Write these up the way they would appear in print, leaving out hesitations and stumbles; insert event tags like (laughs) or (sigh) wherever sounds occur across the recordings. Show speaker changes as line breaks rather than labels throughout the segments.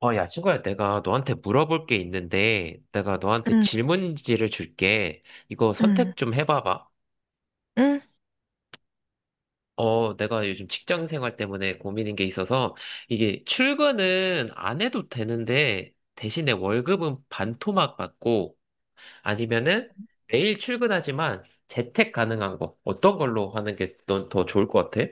야, 친구야, 내가 너한테 물어볼 게 있는데, 내가 너한테
응,
질문지를 줄게. 이거
응,
선택 좀 해봐봐.
응.
내가 요즘 직장 생활 때문에 고민인 게 있어서, 이게 출근은 안 해도 되는데, 대신에 월급은 반토막 받고, 아니면은 매일 출근하지만 재택 가능한 거, 어떤 걸로 하는 게 넌 더 좋을 것 같아?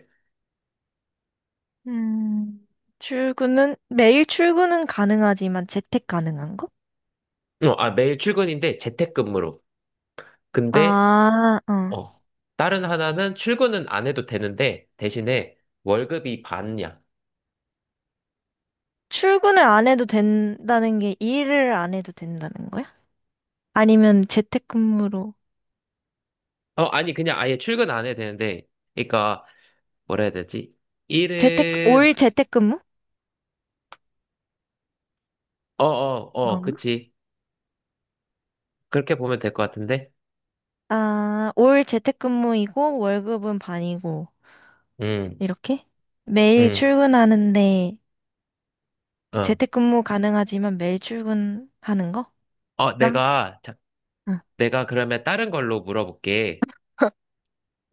음, 출근은, 매일 출근은 가능하지만 재택 가능한 거?
매일 출근인데 재택근무로. 근데
아, 어.
어. 다른 하나는 출근은 안 해도 되는데, 대신에 월급이 반이야.
출근을 안 해도 된다는 게 일을 안 해도 된다는 거야? 아니면 재택근무로,
아니, 그냥 아예 출근 안 해도 되는데, 그러니까, 뭐라 해야 되지?
재택, 올
일은,
재택근무?
어, 어, 어,
이건가?
그치. 그렇게 보면 될 것 같은데?
아, 올 재택근무이고 월급은 반이고,
음,
이렇게? 매일
음,
출근하는데
어.
재택근무 가능하지만 매일 출근하는 거?랑?
자,
응.
내가 그러면 다른 걸로 물어볼게.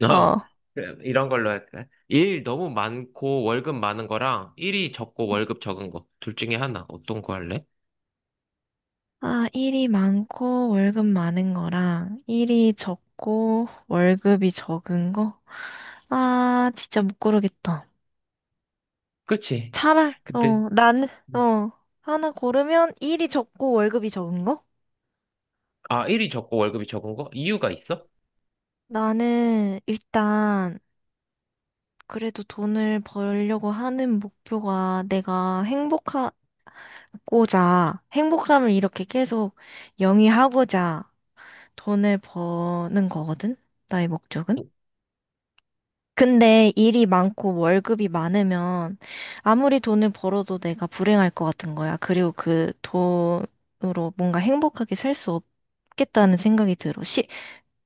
어,
어.
그럼 이런 걸로 할까? 일 너무 많고 월급 많은 거랑 일이 적고 월급 적은 거. 둘 중에 하나. 어떤 거 할래?
아, 일이 많고 월급 많은 거랑 일이 적고 월급이 적은 거? 아, 진짜 못 고르겠다.
그치. 근데,
나는,
음.
어, 하나 고르면 일이 적고 월급이 적은 거?
아, 일이 적고 월급이 적은 거? 이유가 있어?
나는 일단 그래도 돈을 벌려고 하는 목표가 내가 행복하고자, 행복함을 이렇게 계속 영위하고자 돈을 버는 거거든? 나의 목적은? 근데 일이 많고 월급이 많으면 아무리 돈을 벌어도 내가 불행할 것 같은 거야. 그리고 그 돈으로 뭔가 행복하게 살 수 없겠다는 생각이 들어.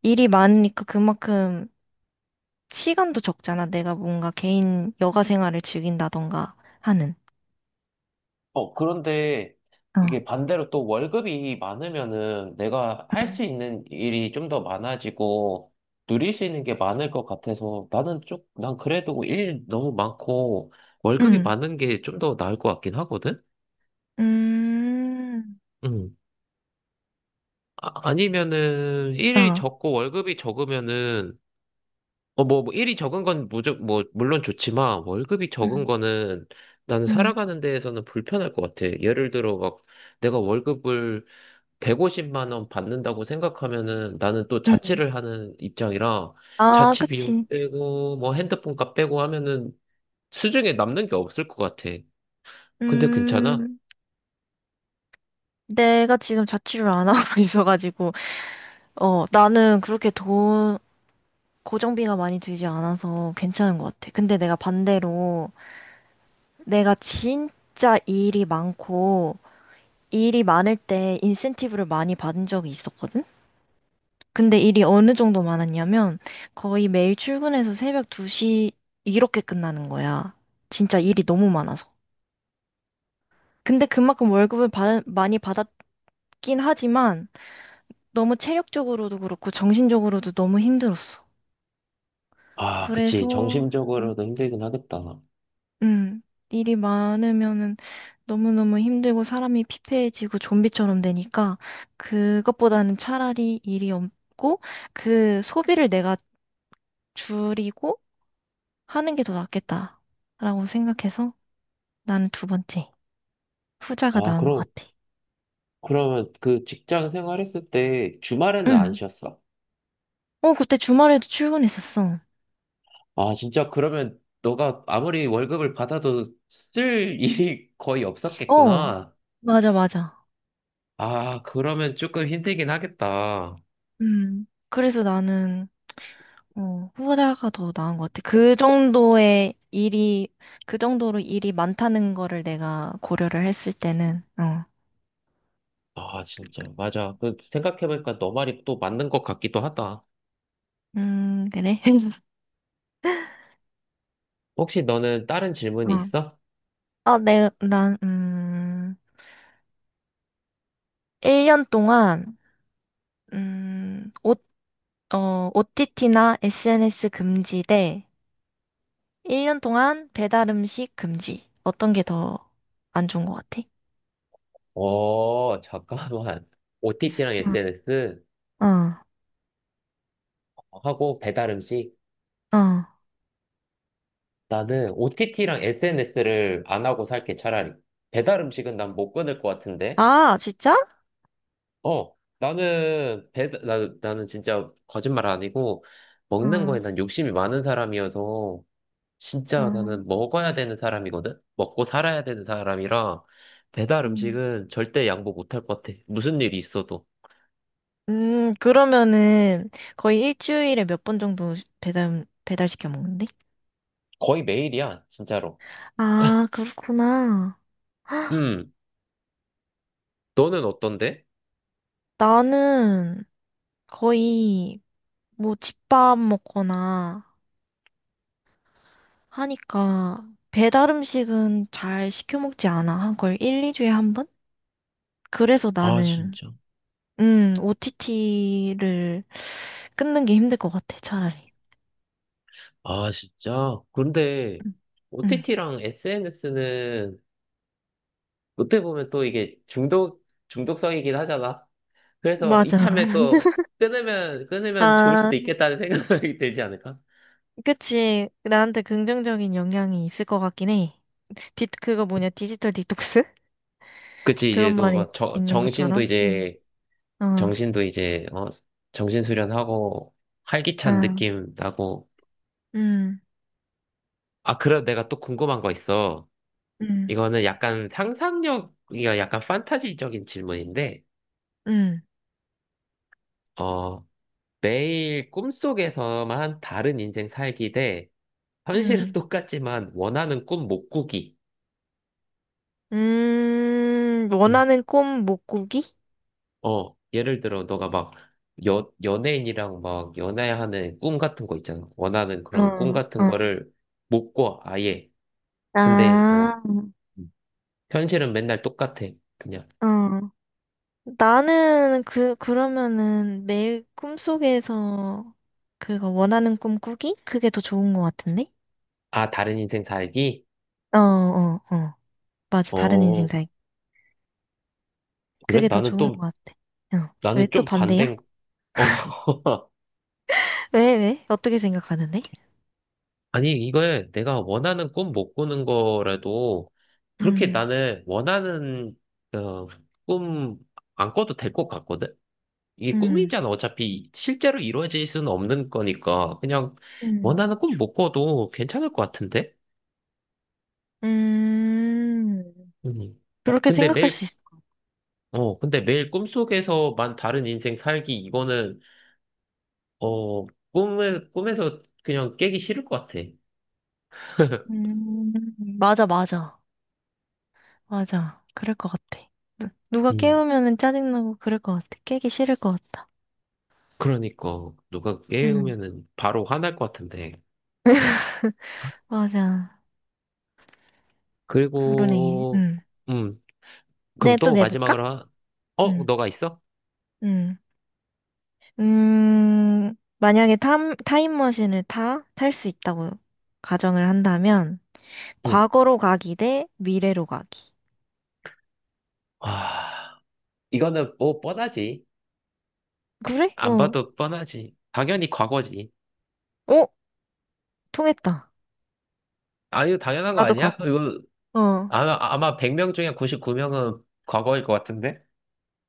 일이 많으니까 그만큼 시간도 적잖아. 내가 뭔가 개인 여가 생활을 즐긴다던가 하는.
그런데
어.
이게 반대로 또 월급이 많으면은 내가 할
응.
수 있는 일이 좀 더 많아지고 누릴 수 있는 게 많을 것 같아서 나는 쪽 난 그래도 일 너무 많고 월급이
응.
많은 게 좀 더 나을 것 같긴 하거든?
음,
음. 아, 아니면은 일이
어.
적고 월급이 적으면은 뭐 일이 적은 건 무조 뭐 물론 좋지만 월급이 적은
응.
거는 나는 살아가는 데에서는 불편할 것 같아. 예를 들어 막 내가 월급을 150만 원 받는다고 생각하면은 나는 또
응. 응.
자취를 하는 입장이라
아,
자취 비용
그치.
빼고 뭐 핸드폰 값 빼고 하면은 수중에 남는 게 없을 것 같아. 근데 괜찮아?
음, 내가 지금 자취를 안 하고 (laughs) 있어가지고. 어, 나는 그렇게 돈, 고정비가 많이 들지 않아서 괜찮은 것 같아. 근데 내가 반대로 내가 진짜 일이 많고 일이 많을 때 인센티브를 많이 받은 적이 있었거든? 근데 일이 어느 정도 많았냐면 거의 매일 출근해서 새벽 2시 이렇게 끝나는 거야. 진짜 일이 너무 많아서. 근데 그만큼 월급을 많이 받았긴 하지만 너무 체력적으로도 그렇고 정신적으로도 너무 힘들었어.
아,
그래서,
그치.
음,
정신적으로도 힘들긴 하겠다.
음, 일이 많으면은 너무너무 힘들고 사람이 피폐해지고 좀비처럼 되니까 그것보다는 차라리 일이 없고 그 소비를 내가 줄이고 하는 게 더 낫겠다라고 생각해서 나는 두 번째 후자가
아,
나은 것
그럼
같아.
그러면 그 직장 생활했을 때 주말에는 안
응.
쉬었어?
어, 그때 주말에도 출근했었어.
아, 진짜 그러면 너가 아무리 월급을 받아도 쓸 일이 거의
어,
없었겠구나.
맞아, 맞아.
아, 그러면 조금 힘들긴 하겠다.
음. 그래서 나는 어, 후자가 더 나은 것 같아. 그 정도의 일이, 그 정도로 일이 많다는 거를 내가 고려를 했을 때는, 어.
아, 진짜. 맞아. 그 생각해보니까 너 말이 또 맞는 것 같기도 하다.
그래? (laughs)
혹시 너는 다른
어.
질문이 있어?
아, 난, 1년 동안, 음, 옷, OTT나 SNS 금지 대 1년 동안 배달 음식 금지. 어떤 게 더 안 좋은 것 같아?
잠깐만. (laughs) OTT랑 SNS
어, 어.
하고 배달 음식.
어.
나는 OTT랑 SNS를 안 하고 살게 차라리. 배달 음식은 난 못 끊을 것 같은데.
아, 진짜?
어, 나는 진짜 거짓말 아니고 먹는
어,
거에 난 욕심이 많은 사람이어서 진짜
어.
나는 먹어야 되는 사람이거든. 먹고 살아야 되는 사람이라 배달
음.
음식은 절대 양보 못 할 것 같아. 무슨 일이 있어도.
그러면은 거의 일주일에 몇 번 정도 배달시켜 먹는데?
거의 매일이야, 진짜로.
아, 그렇구나. 헉,
음, 너는 어떤데?
나는 거의 뭐 집밥 먹거나 하니까 배달 음식은 잘 시켜 먹지 않아. 한 걸 1, 2주에 한 번? 그래서
아,
나는,
진짜.
OTT를 끊는 게 힘들 것 같아, 차라리.
아, 진짜? 그런데
응,
OTT랑 SNS는 어떻게 보면 또 이게 중독성이긴 하잖아. 그래서
맞아.
이참에 또
(laughs)
끊으면 좋을
아,
수도 있겠다는 생각이 (laughs) 들지 않을까?
그치. 나한테 긍정적인 영향이 있을 것 같긴 해. 그거 뭐냐, 디지털 디톡스? (laughs)
그치, 이제
그런
또
말이
막
있는
정신도
것처럼? 응.
이제,
어,
정신도 이제, 어, 정신 수련하고 활기찬
아,
느낌 나고.
음,
아, 그럼 내가 또 궁금한 거 있어.
음,
이거는 약간 상상력, 이거 약간 판타지적인 질문인데,
음,
어, 매일 꿈속에서만 다른 인생 살기 대 현실은
음.
똑같지만 원하는 꿈 못 꾸기.
원하는 꿈 못 꾸기?
예를 들어, 너가 막, 연예인이랑 막, 연애하는 꿈 같은 거 있잖아. 원하는
어,
그런 꿈 같은
어.
거를 못 꿔, 아예. 근데, 어,
아,
음. 현실은 맨날 똑같아. 그냥,
어. 나는 그러면은 매일 꿈속에서 그거 원하는 꿈 꾸기? 그게 더 좋은 것 같은데?
아, 다른 인생 살기?
어, 어, 어. 맞아. 다른 인생
어,
살기.
그래?
그게 더
나는
좋은
또,
것 같아. 어. 왜
나는
또
좀 반대인,
반대야?
어, (laughs)
왜, 왜? 어떻게 생각하는데?
아니, 이걸 내가 원하는 꿈 못 꾸는 거라도, 그렇게
음,
나는 원하는, 어, 꿈 안 꿔도 될 것 같거든? 이게
음,
꿈이잖아. 어차피 실제로 이루어질 수는 없는 거니까 그냥
음,
원하는 꿈 못 꿔도 괜찮을 것 같은데?
음.
음.
그렇게
근데
생각할 수
매일
있어.
꿈속에서만 다른 인생 살기 이거는 어 꿈을 꿈에서 그냥 깨기 싫을 것 같아. (laughs)
음, 맞아, 맞아. 맞아. 그럴 것 같아. 누가
음.
깨우면은 짜증나고 그럴 것 같아. 깨기 싫을 것 같다.
그러니까 누가
음,
깨우면은 바로 화날 것 같은데.
맞아. 그러네.
그리고
음.
음 그럼
네, 또
또
내볼까?
마지막으로 하...
음,
너가 있어?
음. 만약에 타임머신을 탈 수 있다고 가정을 한다면,
응.
과거로 가기 대 미래로 가기.
아 이거는 뭐 뻔하지.
그래?
안
어.
봐도 뻔하지. 당연히 과거지.
어, 통했다.
아, 이거 당연한 거
나도
아니야?
과거.
이거
어.
아마 100명 중에 99명은 과거일 것 같은데?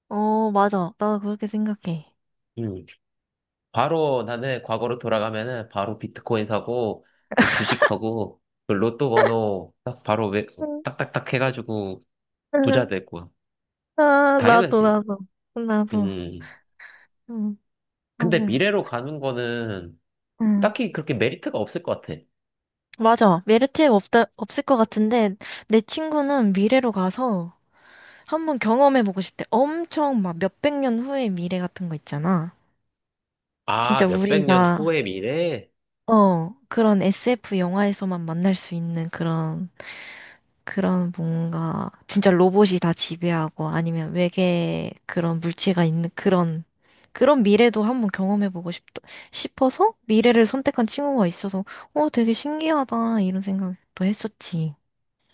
어, 맞아. 나도 그렇게 생각해.
음. 바로 나는 과거로 돌아가면은 바로 비트코인 사고, 그 주식하고, 그 로또 번호 딱 바로 왜
응.
딱딱딱 해가지고
(laughs)
부자
응.
될 거야.
아, 나도,
당연하지.
나도. 나도.
음.
응,
근데
맞아.
미래로 가는 거는
응
딱히 그렇게 메리트가 없을 것 같아.
맞아. 메리트가 없다, 없을 것 같은데, 내 친구는 미래로 가서 한번 경험해보고 싶대. 엄청 막 몇백 년 후의 미래 같은 거 있잖아.
아,
진짜
몇백 년
우리가,
후의 미래?
어, 그런 SF 영화에서만 만날 수 있는 그런 그런 뭔가 진짜 로봇이 다 지배하고 아니면 외계 그런 물체가 있는 그런 그런 미래도 한번 경험해보고 싶어서 미래를 선택한 친구가 있어서 어 되게 신기하다 이런 생각도 했었지.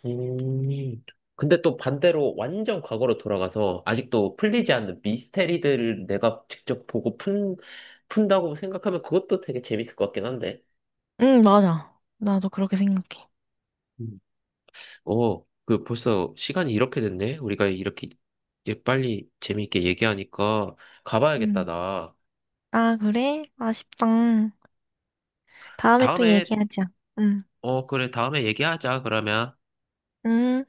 음. 근데 또 반대로 완전 과거로 돌아가서 아직도
응
풀리지 않는 미스테리들을 내가 직접 보고 푼다고 생각하면 그것도 되게 재밌을 것 같긴 한데.
응, 맞아. 나도 그렇게 생각해.
음. 그 벌써 시간이 이렇게 됐네? 우리가 이렇게 이제 빨리 재미있게 얘기하니까 가봐야겠다,
응.
나.
아 그래? 아쉽다. 다음에 또
다음에,
얘기하자. 응.
그래, 다음에 얘기하자, 그러면.
응.